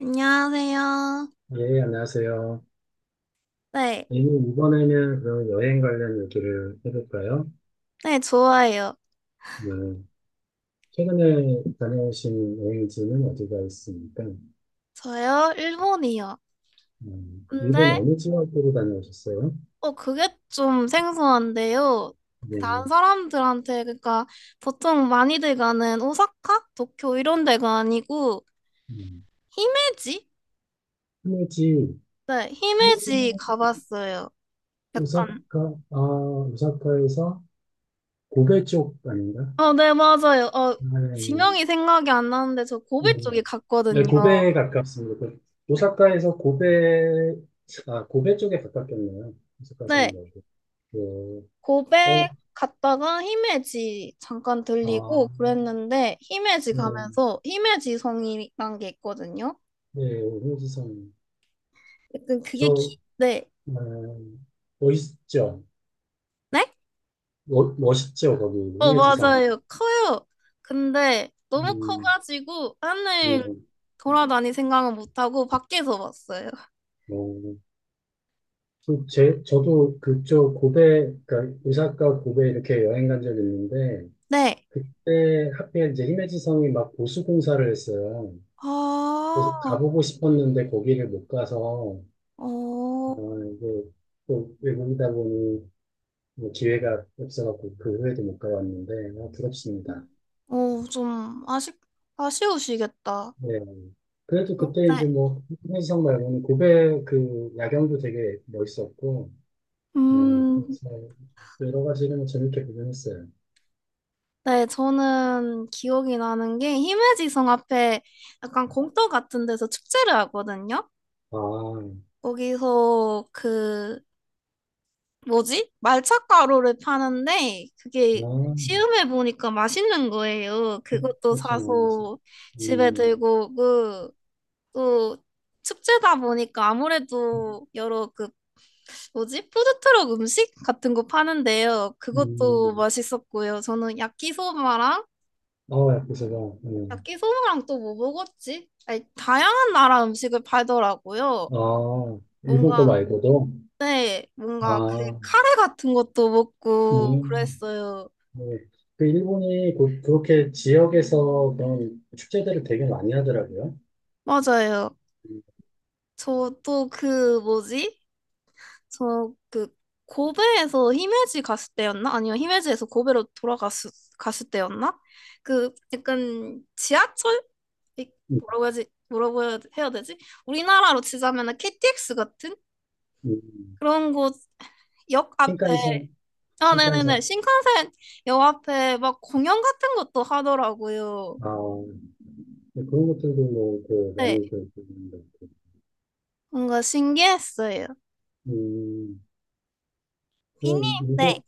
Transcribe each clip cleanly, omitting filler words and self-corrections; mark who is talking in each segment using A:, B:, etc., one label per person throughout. A: 안녕하세요.
B: 예, 안녕하세요.
A: 네,
B: A님, 이번에는 그럼 여행 관련 얘기를 해볼까요?
A: 네, 좋아요.
B: 네. 최근에 다녀오신 여행지는 어디가 있습니까?
A: 저요? 일본이요. 근데,
B: 일본 어느 지역으로 다녀오셨어요?
A: 어, 그게 좀 생소한데요. 다른
B: 네.
A: 사람들한테, 그러니까, 보통 많이들 가는 오사카? 도쿄 이런 데가 아니고,
B: 음,
A: 히메지?
B: 히메지,
A: 네, 히메지
B: 히메지는
A: 가봤어요. 약간,
B: 오사카, 아, 오사카에서 고베 쪽 아닌가?
A: 어, 네, 맞아요. 어,
B: 아, 네.
A: 지명이 생각이 안 나는데, 저
B: 네,
A: 고베 쪽에 갔거든요.
B: 네, 고베에 가깝습니다. 그 오사카에서 고베, 아, 고베 쪽에 가깝겠네요.
A: 네,
B: 오사카시는 말고. 네. 어,
A: 고백 갔다가 히메지 잠깐
B: 아,
A: 들리고 그랬는데 히메지
B: 네,
A: 가면서 히메지 성이란 게 있거든요.
B: 네, 홍지성.
A: 약간 그게
B: 저,
A: 네.
B: 음, 멋있죠?
A: 네?
B: 멋있죠, 거기,
A: 어,
B: 홍지성.
A: 맞아요. 커요. 근데 너무
B: 음,
A: 커가지고 안을
B: 뭐,
A: 돌아다닐 생각은 못하고 밖에서 봤어요.
B: 뭐, 그 제, 저도 그쪽 고베, 그러니까 오사카 고베 이렇게 여행 간 적이 있는데,
A: 네.
B: 그때 하필 이제 히메지성이 막 보수 공사를 했어요. 그래서
A: 아,
B: 가보고 싶었는데 거기를 못 가서, 아,
A: 어,
B: 이게 또 외국이다 보니 뭐 기회가 없어갖고 그 후에도 못 가봤는데 아, 부럽습니다.
A: 어, 아쉬우시겠다.
B: 네. 그래도 그때
A: 네.
B: 이제 뭐 한희석 말고는 고베 그 야경도 되게 멋있었고 네.
A: 음,
B: 그래서 여러 가지를 뭐 재밌게 구경했어요.
A: 네, 저는 기억이 나는 게 히메지성 앞에 약간 공터 같은 데서 축제를 하거든요.
B: 아,
A: 거기서 그 뭐지? 말차가루를 파는데 그게
B: 아,
A: 시음해 보니까 맛있는 거예요. 그것도
B: 그렇죠. 뭐,
A: 사서 집에
B: 음,
A: 들고 오고 또 축제다 보니까 아무래도 여러 그 뭐지? 푸드트럭 음식 같은 거 파는데요. 그것도
B: 음.
A: 맛있었고요. 저는 야키소바랑
B: 아, 그래서가, 음.
A: 야끼소바랑 또 뭐 먹었지? 아니, 다양한 나라 음식을 팔더라고요.
B: 아,
A: 뭔가,
B: 일본 거 말고도,
A: 네, 뭔가 그
B: 아,
A: 카레 같은 것도 먹고
B: 음.
A: 그랬어요.
B: 네. 그 일본이 그, 그렇게 지역에서 그런 축제들을 되게 많이 하더라고요.
A: 맞아요. 저 또 그 뭐지? 저 그 고베에서 히메지 갔을 때였나? 아니요, 히메지에서 고베로 돌아갔을 갔을 때였나? 그 약간 지하철? 이-
B: 음,
A: 뭐라고 해야지? 뭐라고 해야 되지? 우리나라로 치자면 KTX 같은
B: 음.
A: 그런 곳 역 앞에
B: 신칸센,
A: 아, 네네네.
B: 신칸센.
A: 신칸센 역 앞에 막 공연 같은 것도 하더라고요.
B: 아, 네, 그런 것들도 뭐, 그, 많이
A: 네.
B: 그, 그, 그,
A: 뭔가 신기했어요.
B: 음,
A: 비님,
B: 뭐, 일본,
A: 네.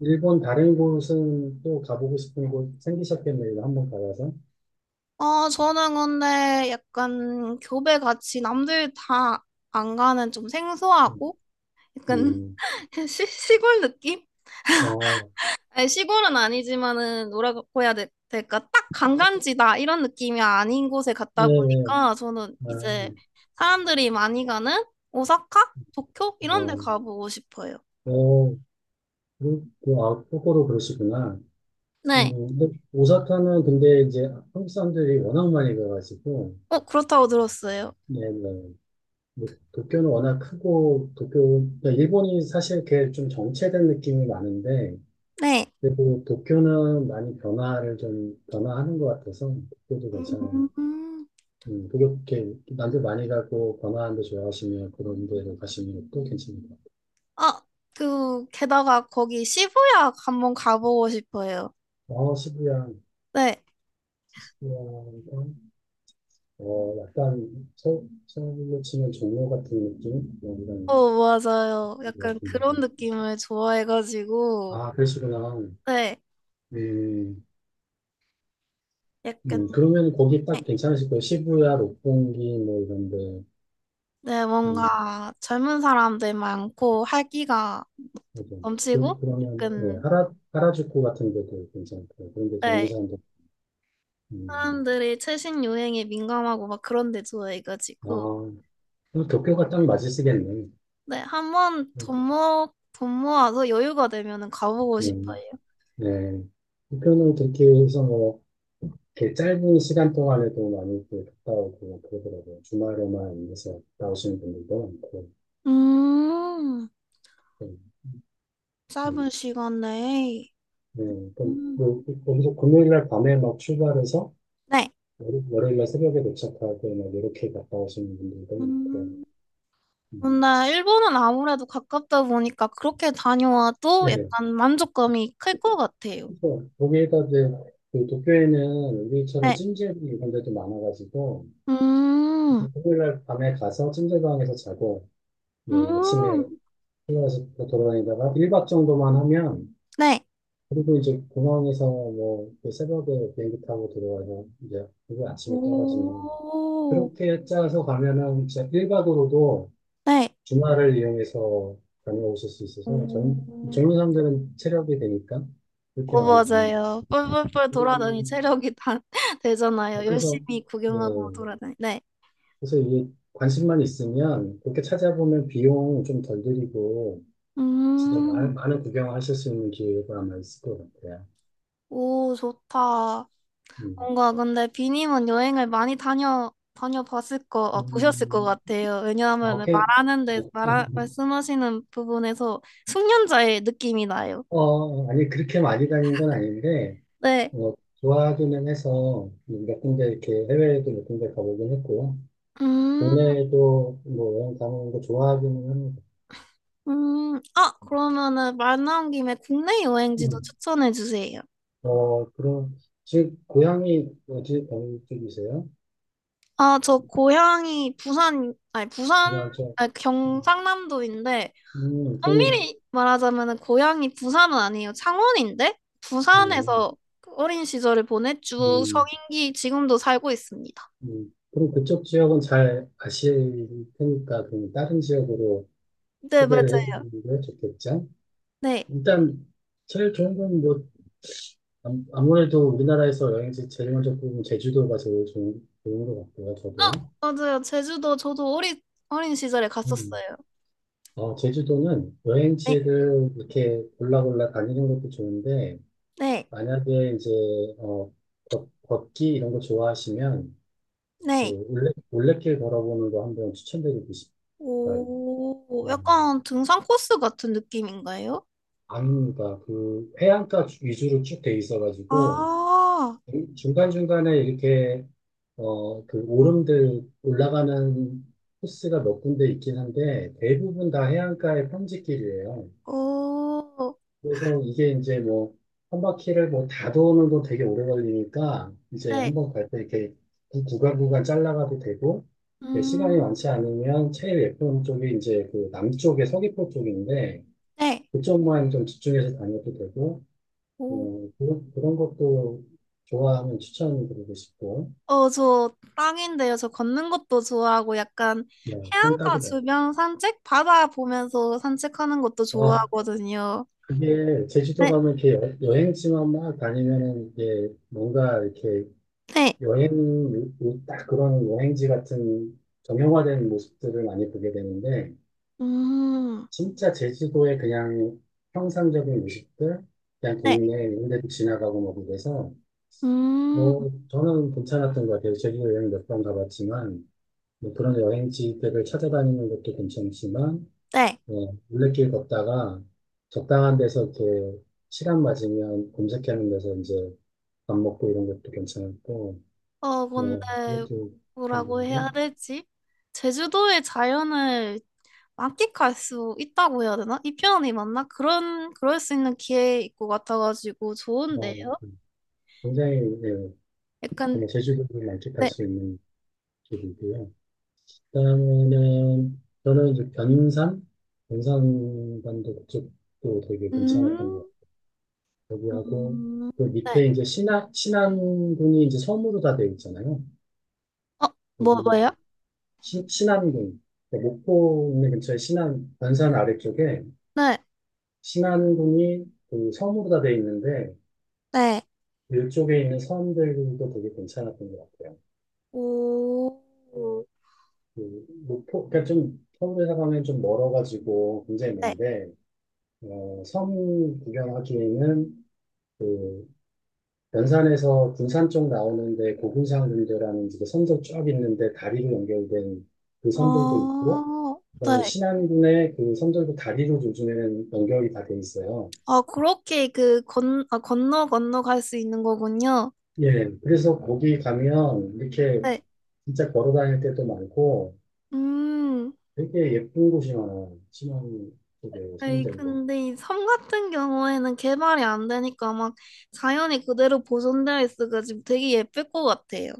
B: 일본 다른 곳은 또 가보고 싶은 곳 생기셨겠네요. 이거 한번 가봐서.
A: 어, 저는 근데 약간 교배 같이 남들 다 안 가는 좀
B: 음,
A: 생소하고 약간
B: 음.
A: 시골 느낌?
B: 어,
A: 아니, 시골은 아니지만은 뭐라고 해야 될, 까딱 관광지다 이런 느낌이 아닌 곳에
B: 예,
A: 갔다
B: 예.
A: 보니까 저는
B: 아,
A: 이제 사람들이 많이 가는 오사카? 도쿄? 이런 데
B: 어,
A: 가보고 싶어요.
B: 어, 그, 그, 아, 거꾸로 그러시구나.
A: 네.
B: 근데 오사카는 근데 이제 한국 사람들이 워낙 많이 가가지고,
A: 어, 그렇다고 들었어요.
B: 네, 네. 뭐, 도쿄는 워낙 크고, 도쿄, 그러니까 일본이 사실 걔 좀 정체된 느낌이 많은데,
A: 네.
B: 그리도 도쿄는 많이 변화를 좀, 변화하는 것 같아서, 도쿄도 괜찮은,
A: 음.
B: 도쿄, 이렇게, 남들 많이 가고, 변화하는 데 좋아하시면 그런 데로 가시면 또 괜찮습니다
A: 아, 그, 게다가 거기 시부야 한번 가보고 싶어요.
B: 아 어, 시부야,
A: 네.
B: 시부야가, 어, 약간, 서, 서울로 치면 종로 같은 느낌? 뭐 이런,
A: 어, 맞아요.
B: 것
A: 약간 그런
B: 같은데.
A: 느낌을 좋아해가지고,
B: 아, 그러시구나.
A: 네.
B: 음.
A: 약간,
B: 그러면 거기
A: 네.
B: 딱 괜찮으실 거예요. 시부야, 로pongi 뭐 이런데.
A: 네,
B: 음,
A: 뭔가 젊은 사람들 많고 활기가
B: 맞아요. 그,
A: 넘치고,
B: 그러면 네,
A: 약간,
B: 하라 하라주쿠 같은 데도 괜찮고요. 그런데
A: 네.
B: 정리산도. 음,
A: 사람들이 최신 유행에 민감하고 막 그런 데 좋아해가지고,
B: 아 그럼 도쿄가 딱 맞으시겠네.
A: 네. 한번
B: 음,
A: 돈 모아서 여유가 되면은 가보고
B: 음,
A: 싶어요.
B: 네. 도쿄는 그렇게 해서 뭐 이렇게 짧은 시간 동안에도 많이 이렇게 갔다 오고 그러더라고요. 주말에만 해서 갔다 오시는 분들도 많고.
A: 음,
B: 네, 네.
A: 짧은 시간 내에.
B: 네, 그럼
A: 음,
B: 뭐, 거기서 금요일 날 밤에 막 출발해서
A: 네.
B: 월요일날 새벽에 도착하고 막 이렇게 갔다 오시는 분들도 있고요.
A: 음.
B: 음.
A: 근데 일본은 아무래도 가깝다 보니까 그렇게 다녀와도
B: 예.
A: 약간 만족감이 클 것 같아요.
B: 그래서 거기에다 이제 그 도쿄에는 우리처럼
A: 네.
B: 찜질 이런 데도 많아가지고
A: 음,
B: 금요일날 밤에 가서 찜질방에서 자고 뭐 아침에
A: 음,
B: 일어나서 돌아다니다가 1박 정도만 하면
A: 네.
B: 그리고 이제 공항에서 뭐그 새벽에 비행기 타고 들어가서 이제 그리고 아침에 떨어지는
A: 오,
B: 그렇게 짜서 가면은 진짜 1박으로도
A: 네.
B: 주말을 이용해서 다녀오실 수 있어서
A: 오,
B: 전, 젊은 사람들은 체력이 되니까 그렇게
A: 오,
B: 많이 다니고
A: 맞아요. 뿔뿔뿔 돌아다니
B: 음,
A: 체력이 다 되잖아요.
B: 그래서
A: 열심히 구경하고
B: 뭐
A: 돌아다니. 네.
B: 그래서 이 관심만 있으면 그렇게 찾아보면 비용 좀 덜 들이고 진짜
A: 음,
B: 많은, 많은 구경하실 수 있는 기회가 아마 있을 것 같아요.
A: 오, 좋다.
B: 음.
A: 뭔가 근데 비님은 여행을 많이 다녀봤을 거 아, 보셨을 것
B: 음,
A: 같아요.
B: 아,
A: 왜냐하면
B: 오케이.
A: 말하는데 말씀하시는 부분에서 숙련자의 느낌이 나요.
B: 어, 아니, 그렇게 많이 다닌 건 아닌데,
A: 네.
B: 어, 좋아하기는 해서 몇 군데 이렇게 해외에도 몇 군데 가보긴 했고요.
A: 음,
B: 국내에도 뭐 여행 다니는 거 좋아하기는 합니다.
A: 아, 그러면은 말 나온 김에 국내 여행지도
B: 음.
A: 추천해 주세요.
B: 어, 그럼, 지금 고향이 어디, 어느 쪽이세요?
A: 아, 저 고향이 부산, 아니 부산,
B: 고향쪽.
A: 아니
B: 음.
A: 경상남도인데
B: 그럼,
A: 엄밀히 말하자면 고향이 부산은 아니에요. 창원인데
B: 음,
A: 부산에서 그 어린 시절을 보냈쭉
B: 음,
A: 성인기 지금도 살고 있습니다.
B: 그럼 그쪽 지역은 잘 아실 테니까, 그럼 다른 지역으로
A: 네,
B: 소개를
A: 맞아요.
B: 해드리는 게 좋겠죠?
A: 네.
B: 일단, 제일 좋은 건 뭐, 아무래도 우리나라에서 여행지 제일 먼저 보으면 제주도가 제일 좋은, 좋은 것 같고요, 저도.
A: 어, 맞아요. 제주도 저도 어린 시절에
B: 음.
A: 갔었어요.
B: 어, 제주도는
A: 네.
B: 여행지를 이렇게 골라 골라 다니는 것도 좋은데,
A: 네.
B: 만약에 이제, 어, 걷기 이런 거 좋아하시면, 그
A: 네.
B: 올레, 올레길 걸어보는 거 한번 추천드리고 싶어요.
A: 오,
B: 음,
A: 약간 등산 코스 같은 느낌인가요?
B: 안무가 그 해안가 위주로 쭉 돼 있어가지고,
A: 아,
B: 중간중간에 이렇게, 어, 그 오름들 올라가는 코스가 몇 군데 있긴 한데, 대부분 다 해안가의 평지길이에요.
A: 오,
B: 그래서 이게 이제 뭐, 한 바퀴를 뭐 다 도는 건 되게 오래 걸리니까, 이제
A: 네.
B: 한번 갈 때 이렇게 구간 구간 잘라가도 되고, 이제 시간이
A: 음,
B: 많지 않으면 제일 예쁜 쪽이 이제 그 남쪽의 서귀포 쪽인데,
A: 네.
B: 그쪽만 좀 집중해서 다녀도 되고,
A: 오.
B: 어, 그런, 그런 것도 좋아하면 추천드리고 싶고,
A: 어, 저 땅인데요. 저 걷는 것도 좋아하고 약간
B: 예, 그건
A: 해안가
B: 딱이다.
A: 주변 산책? 바다 보면서 산책하는 것도
B: 아,
A: 좋아하거든요.
B: 그게 제주도
A: 네,
B: 가면 이렇게 여행지만 막 다니면은 이게 뭔가 이렇게
A: 네.
B: 여행이 딱 그런 여행지 같은 정형화된 모습들을 많이 보게 되는데
A: 음,
B: 진짜 제주도의 그냥 평상적인 모습들 그냥
A: 네.
B: 동네 이런 데도 지나가고 뭐 그래서
A: 음,
B: 뭐 저는 괜찮았던 것 같아요. 제주도 여행 몇 번 가봤지만 뭐 그런 여행지들을 찾아다니는 것도 괜찮지만
A: 네.
B: 어, 물레길 걷다가 적당한 데서 이렇게 시간 맞으면 검색하는 데서 이제 밥 먹고 이런 것도 괜찮았고
A: 어, 근데
B: 어, 그것도
A: 뭐라고 해야
B: 괜찮고
A: 되지? 제주도의 자연을 만끽할 수 있다고 해야 되나? 이 표현이 맞나? 그런, 그럴 수 있는 기회 있고 같아가지고 좋은데요?
B: 어, 굉장히 네,
A: 약간,
B: 정말 제주도를 만끽할
A: 네.
B: 수 있는 길이고요. 그다음에는 저는 이제 변산, 변산반도 쪽도 되게 괜찮았던 것
A: 음,
B: 같아요. 거기하고
A: 음,
B: 그
A: 네.
B: 밑에 이제 신안 신안군이 이제 섬으로 다 되어 있잖아요.
A: 어, 뭐,
B: 거기
A: 뭐요?
B: 신안군 그러니까 목포 근처에 신안 변산 아래쪽에
A: 네,
B: 신안군이 그 섬으로 다 되어 있는데
A: 네.
B: 이쪽에 있는 섬들도 되게 괜찮았던 것 같아요.
A: 오,
B: 그 목포, 그러니까 좀 서울에서 가면 좀 멀어가지고 굉장히
A: 네.
B: 먼데, 어, 섬 구경하기에는 그 연산에서 군산 쪽 나오는데 고군산군대라는 이제 섬도 쫙 있는데 다리로 연결된 그 섬들도 있고,
A: 아,
B: 그다음에
A: 네.
B: 신안군의 그 섬들도 다리로 요즘에는 연결이 다 돼 있어요.
A: 아, 그렇게 그 건, 아, 건너 건너 갈 수 있는 거군요.
B: 예, 그래서 거기 가면 이렇게
A: 네.
B: 진짜 걸어 다닐 때도 많고
A: 음.
B: 되게 예쁜 곳이 많아요. 신안 쪽에
A: 아니,
B: 섬들도.
A: 근데 이 섬 같은 경우에는 개발이 안 되니까 막 자연이 그대로 보존되어 있어가지고 되게 예쁠 것 같아요.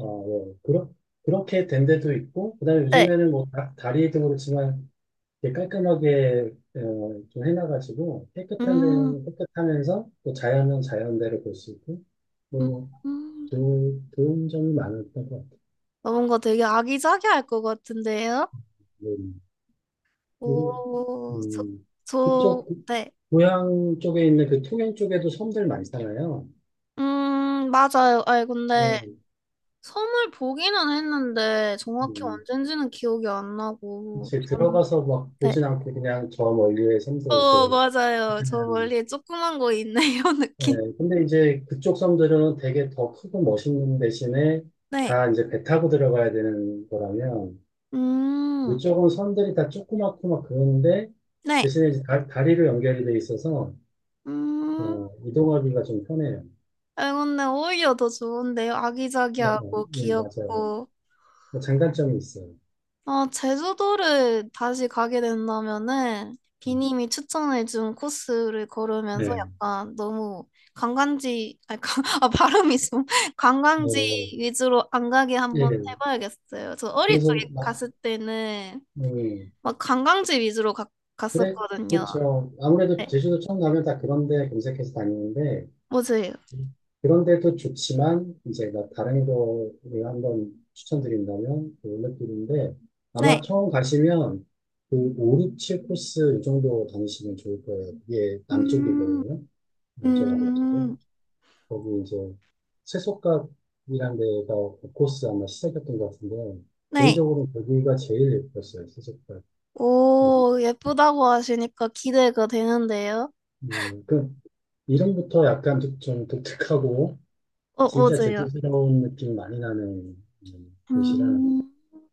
B: 아, 예. 그렇, 그렇게 된 데도 있고, 그다음에
A: 네.
B: 요즘에는 뭐 다, 다리도 그렇지만 이렇게 깔끔하게 어, 좀 해놔가지고 깨끗한
A: 음,
B: 데는 깨끗하면서 또 자연은 자연대로 볼 수 있고,
A: 음,
B: 뭐
A: 음.
B: 좋은, 좋은 점이 많았던 것 같아요.
A: 어, 뭔가 되게 아기자기할 것 같은데요?
B: 네. 그리고
A: 오, 저,
B: 음, 그쪽
A: 저,
B: 그-
A: 네.
B: 고향 쪽에 있는 그 통영 쪽에도 섬들 많잖아요.
A: 맞아요. 아니, 근데
B: 뭐,
A: 선물 보기는 했는데 정확히
B: 음,
A: 언젠지는 기억이 안 나고
B: 이제
A: 전
B: 들어가서 막
A: 네.
B: 보진 않고 그냥 저 멀리의 섬들
A: 어,
B: 그
A: 맞아요. 저 멀리에 조그만 거 있네요,
B: 네,
A: 느낌.
B: 근데 이제 그쪽 섬들은 되게 더 크고 멋있는 대신에
A: 네.
B: 다 이제 배 타고 들어가야 되는 거라면
A: 음.
B: 이쪽은 섬들이 다 조그맣고 막 그런데
A: 네.
B: 대신에 이제 다, 다리로 연결이 돼 있어서
A: 음.
B: 어, 이동하기가 좀 편해요.
A: 아, 근데 오히려 더 좋은데요.
B: 어,
A: 아기자기하고
B: 예, 맞아요.
A: 귀엽고
B: 뭐 장단점이 있어요.
A: 아, 제주도를 다시 가게 된다면은
B: 음.
A: 비님이 추천해준 코스를 걸으면서
B: 네.
A: 약간 너무 관광지, 아니, 관- 아, 발음이 좀 관광지
B: 어,
A: 위주로 안 가게 한번
B: 예.
A: 해봐야겠어요. 저 어릴
B: 그래서
A: 적에
B: 막,
A: 갔을 때는
B: 음,
A: 막
B: 그래,
A: 갔었거든요.
B: 그렇죠. 아무래도
A: 네,
B: 제주도 처음 가면 다 그런 데 검색해서 다니는데
A: 뭐세요
B: 그런 데도 좋지만 이제 막 다른 거를 한번 추천드린다면 그 올레길인데 아마
A: 네.
B: 처음 가시면 그 5, 6, 7 코스 이 정도 다니시면 좋을 거예요. 이게
A: 음,
B: 남쪽이거든요. 남쪽 아래쪽에.
A: 음,
B: 거기 이제 세속각이라는 데가 그 코스 아마 시작했던 것 같은데
A: 네.
B: 개인적으로 거기가 제일 예뻤어요. 세속각.
A: 오, 예쁘다고 하시니까 기대가 되는데요.
B: 그 이름부터 약간 좀 독특하고
A: 어, 뭐
B: 진짜
A: 세요
B: 제주스러운 느낌이 많이 나는 곳이랑
A: 음.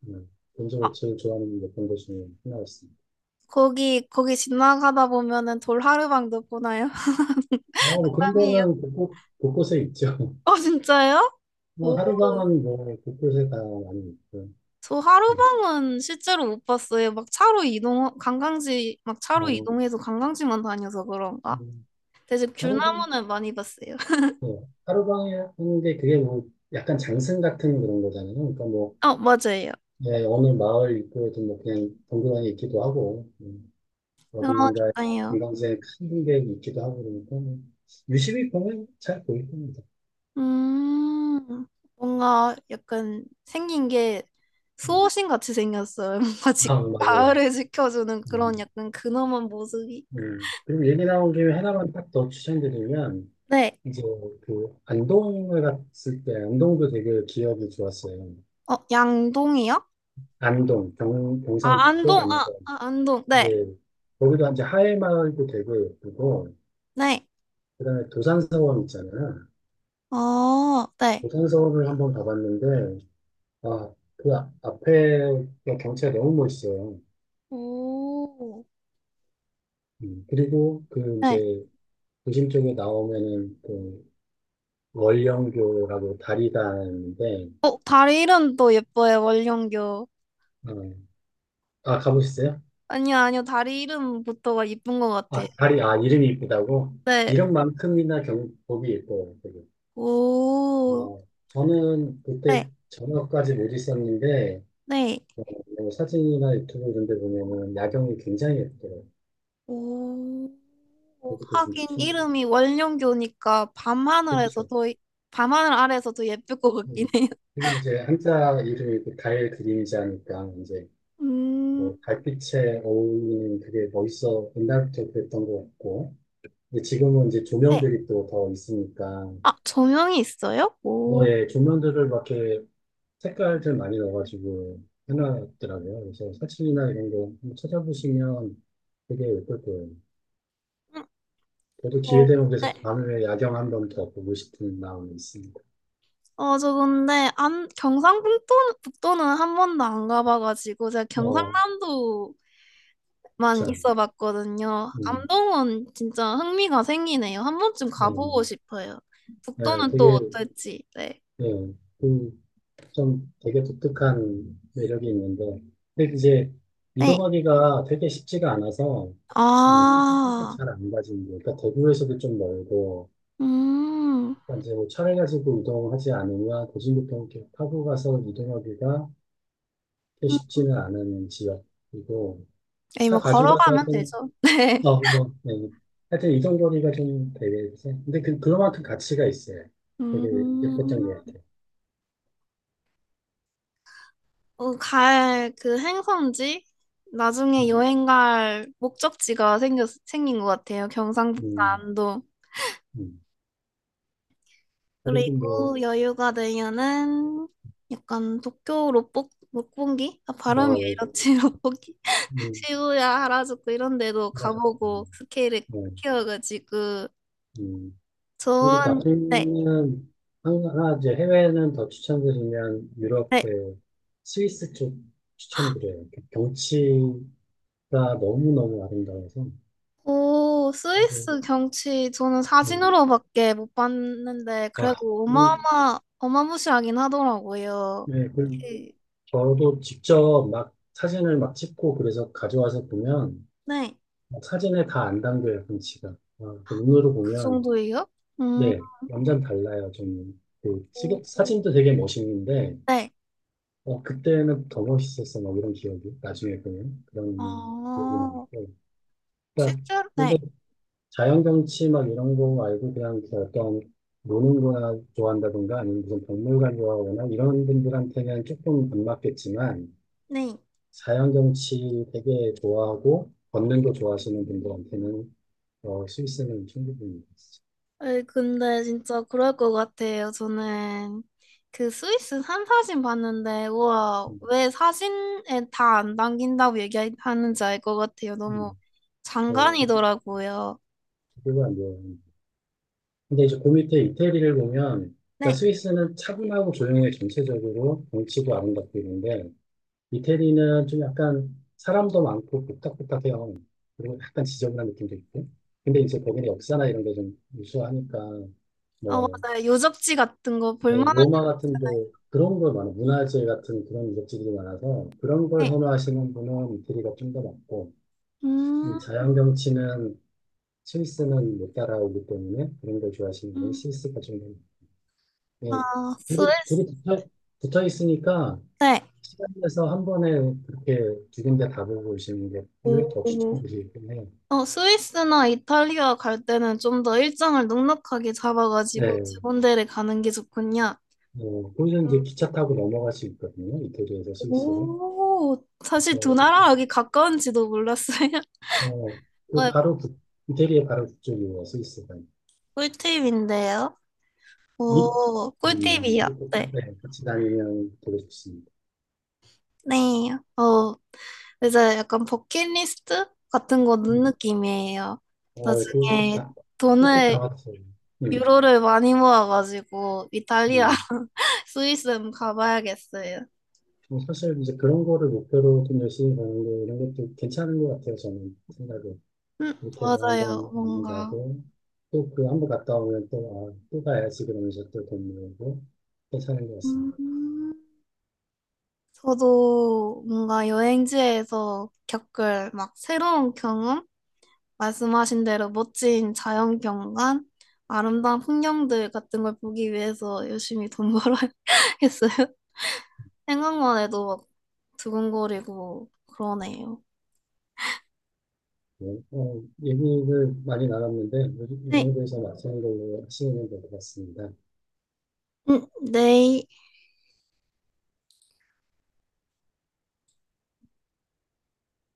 B: 음, 개인적으로 제일 좋아하는 몇번 곳 중에 하나였습니다.
A: 거기 거기 지나가다 보면은 돌 하루방도 보나요?
B: 어, 뭐 그런
A: 사람이에요.
B: 거는 곳곳, 곳곳에 있죠.
A: 어 진짜요?
B: 뭐
A: 오,
B: 하룻밤은 뭐 곳곳에 다 많이 있고
A: 저
B: 예.
A: 하루방은 실제로 못 봤어요. 막 차로 이동 관광지 막 차로
B: 어,
A: 이동해서 관광지만 다녀서 그런가?
B: 음,
A: 대신
B: 하루,
A: 귤나무는 많이 봤어요.
B: 예. 하룻밤에 하는 게 그게 뭐 약간 장승 같은 그런 거잖아요. 그러니까 뭐
A: 어 맞아요.
B: 예, 어느 마을 입구에도 뭐 그냥 덩그러니 있기도 하고 어딘가에
A: 그러니까요.
B: 관광지에 큰 게 있기도 하고 그러니까 뭐 유심히 보면 잘 보일 겁니다.
A: 음 뭔가 약간 생긴 게
B: 음.
A: 수호신 같이 생겼어요. 뭔가 지,
B: 아, 맞아요.
A: 마을을 지켜주는 그런
B: 음.
A: 약간 근엄한 모습이.
B: 음. 그리고 얘기 나온 김에 하나만 딱 더 추천드리면,
A: 네.
B: 이제 그 안동을 갔을 때, 안동도 되게 기억이 좋았어요.
A: 어 양동이요?
B: 안동, 경,
A: 아,
B: 경상북도
A: 안동,
B: 안동.
A: 아, 아, 안동. 네,
B: 예. 거기도 이제 하회마을도 되게 예쁘고,
A: 네.
B: 그다음에 도산서원 있잖아요.
A: 어, 네,
B: 도산서원을 한번 가봤는데, 아, 그 아- 앞에 그 경치가 너무 멋있어요.
A: 오,
B: 음. 그리고 그
A: 네.
B: 이제 도심 쪽에 나오면은 그 월령교라고 다리가 있는데,
A: 어, 다리 이름도 예뻐요, 원룡교
B: 음. 아, 가보셨어요?
A: 아니요, 아니요, 다리 이름부터가 예쁜 것 같아요.
B: 아, 다리, 아, 이름이 이쁘다고?
A: 네,
B: 이름만큼이나 경복이 예뻐요, 되게.
A: 오,
B: 어, 저는 그때
A: 네,
B: 저녁까지 못 있었는데,
A: 네,
B: 어, 뭐 사진이나 유튜브 이런 데 보면은 야경이 굉장히 예쁘더라고요.
A: 오.
B: 그것도 좀
A: 하긴
B: 추천드립니다.
A: 이름이 원룡교니까 밤하늘에서
B: 그렇죠.
A: 더, 밤하늘 아래서 더 예쁠 것 같긴
B: 음.
A: 해요.
B: 그리고 이제 한자 이름이 그 달 그림자니까, 이제, 뭐,
A: 음,
B: 달빛에 어울리는 그게 멋있어, 옛날부터 그랬던 것 같고, 근데 지금은 이제
A: 네.
B: 조명들이 또 더 있으니까,
A: 아, 조명이 있어요?
B: 어,
A: 오,
B: 예, 조명들을 막 이렇게 색깔들 많이 넣어가지고 해놨더라고요. 그래서 사진이나 이런 거 한번 찾아보시면 되게 예쁠 거예요.
A: 음,
B: 저도
A: 어,
B: 기회 되면 그래서
A: 네.
B: 밤에 야경 한번 더 보고 싶은 마음이 있습니다.
A: 어, 저 근데 안 경상북도는 북도는 한 번도 안 가봐가지고 제가
B: 어,
A: 경상남도만
B: 참,
A: 있어봤거든요.
B: 음,
A: 암동은 진짜 흥미가 생기네요. 한 번쯤
B: 네,
A: 가보고
B: 뭐.
A: 싶어요.
B: 네,
A: 북도는 또
B: 되게,
A: 어떨지. 네.
B: 네, 그, 좀 되게 독특한 매력이 있는데, 근데 이제
A: 네.
B: 이동하기가 되게 쉽지가 않아서, 네, 선택
A: 아,
B: 잘안 가진 거. 그러니까 대구에서도 좀 멀고,
A: 음.
B: 그러니까 이제 뭐 차를 가지고 이동하지 않으면 도심부터 이렇게 타고 가서 이동하기가 그렇게 쉽지는 않은 지역이고
A: 에이,
B: 차
A: 뭐
B: 가지고 가도
A: 걸어가면
B: 하여튼
A: 되죠. 네.
B: 어, 뭐, 네. 하여튼 이동 거리가 좀 되겠지. 근데 그 그만큼 가치가 있어요. 되게 예뻤던 것
A: 음.
B: 같아요.
A: 어, 갈 그 행성지 나중에
B: 음,
A: 여행 갈 목적지가 생겼 생긴 것 같아요. 경상북도
B: 음,
A: 안동.
B: 음. 그리고 뭐,
A: 그리고 여유가 되면은 약간 도쿄 롯복 롯본기? 아,
B: 어,
A: 발음이
B: 예,
A: 이렇지 롯본기?
B: 음,
A: 시부야, 하라주쿠 이런 데도
B: 맞아.
A: 가보고 스케일을
B: 네,
A: 키워가지고
B: 음. 그리고
A: 좋은 네,
B: 나중에는 한- 하나 이제 해외는 더 추천드리면 유럽
A: 네.
B: 그 스위스 쪽 추천드려요. 그 경치가 너무너무 아름다워서.
A: 오, 스위스 경치 저는
B: 그리고
A: 사진으로밖에 못 봤는데
B: 뭐, 아,
A: 그래도
B: 음,
A: 어마어마 어마무시하긴 하더라고요.
B: 네, 그
A: 그,
B: 저도 직접 막 사진을 막 찍고 그래서 가져와서 보면
A: 네,
B: 막 사진에 다 안 담겨요, 경치가. 아, 그 눈으로
A: 그
B: 보면
A: 정도예요? 음,
B: 네, 완전 달라요. 좀 그, 찍은- 사진도 되게 멋있는데
A: 네.
B: 어, 그때는 더 멋있었어, 막 이런 기억이. 나중에 보면 그런 기억이
A: 아,
B: 나니까. 그러니까,
A: 실제로
B: 근데
A: 네,
B: 자연경치 막 이런 거 말고 그냥 그 어떤 노는 거나 좋아한다든가 아니면 무슨 박물관 좋아하거나 이런 분들한테는 조금 안 맞겠지만
A: 네.
B: 자연경치 되게 좋아하고 걷는 거 좋아하시는 분들한테는 어, 스위스는 충분히 있어.
A: 아니, 근데 진짜 그럴 것 같아요. 저는 그 스위스 산 사진 봤는데, 우와,
B: 음,
A: 왜 사진에 다 안 담긴다고 얘기하는지 알 것 같아요. 너무
B: 음. 어, 그-
A: 장관이더라고요.
B: 그거가 안 돼요. 근데 이제 그 밑에 이태리를 보면, 그러니까
A: 네.
B: 스위스는 차분하고 조용해 전체적으로 경치도 아름답고 있는데, 이태리는 좀 약간 사람도 많고 복닥복닥해요. 그리고 약간 지저분한 느낌도 있고. 근데 이제 거기는 역사나 이런 게 좀 우수하니까,
A: 어,
B: 뭐,
A: 맞아요. 유적지 같은 거 네.
B: 네,
A: 볼만하게.
B: 로마 같은데 그런 걸 많아. 문화재 같은 그런 유적지들이 많아서 그런 걸 선호하시는 분은 이태리가 좀 더 많고, 이
A: 음,
B: 자연 경치는 스위스는 못 따라오기 때문에 그런 걸 좋아하시는 분은
A: 음.
B: 스위스가 좀더 네,
A: 아,
B: 둘이,
A: 스위스.
B: 둘이 붙어, 붙어 있으니까
A: 네.
B: 시간 내서 한 번에 그렇게 두 군데 가보고 오시는 게 오히려 더
A: 오.
B: 추천드리긴 해요.
A: 어, 스위스나 이탈리아 갈 때는 좀 더 일정을 넉넉하게 잡아가지고 두
B: 네,
A: 군데를 가는 게 좋군요.
B: 어, 거기서 이제 기차 타고 넘어갈 수 있거든요. 이태리에서 스위스로.
A: 오, 사실 두
B: 그래서,
A: 나라 여기 가까운지도 몰랐어요.
B: 그, 어, 그
A: 어,
B: 바로 북, 이태리의 바로 북쪽이에요, 스위스가.
A: 꿀팁인데요.
B: 음,
A: 오, 꿀팁이요.
B: 그렇게 가-
A: 네.
B: 네, 같이 다니면 되게 좋습니다.
A: 네. 어, 이제 약간 버킷리스트 같은 거 넣은
B: 음,
A: 느낌이에요.
B: 어, 그꼭
A: 나중에
B: 다, 꼭다
A: 돈을,
B: 왔어요. 음,
A: 유로를 많이 모아가지고 이탈리아,
B: 음.
A: 스위스 한번 가봐야겠어요.
B: 뭐 사실 이제 그런 거를 목표로 좀 열심히 가는 거 이런 것도 괜찮은 것 같아요. 저는 생각에
A: 음,
B: 이렇게 해서
A: 맞아요.
B: 한번 많이
A: 뭔가.
B: 가고 또 그 한번 갔다 오면 또 아, 또 가야지 그러면서 또 돈 모으고 괜찮은 것 같습니다.
A: 음, 저도 뭔가 여행지에서 겪을 막 새로운 경험? 말씀하신 대로 멋진 자연 경관, 아름다운 풍경들 같은 걸 보기 위해서 열심히 돈 벌어야 했어요. 생각만 해도 막 두근거리고 그러네요.
B: 네. 어, 얘기를 많이 나눴는데 이
A: 네,
B: 정도에서 마치는 걸로 하시면 될 것 같습니다.
A: 음, 네.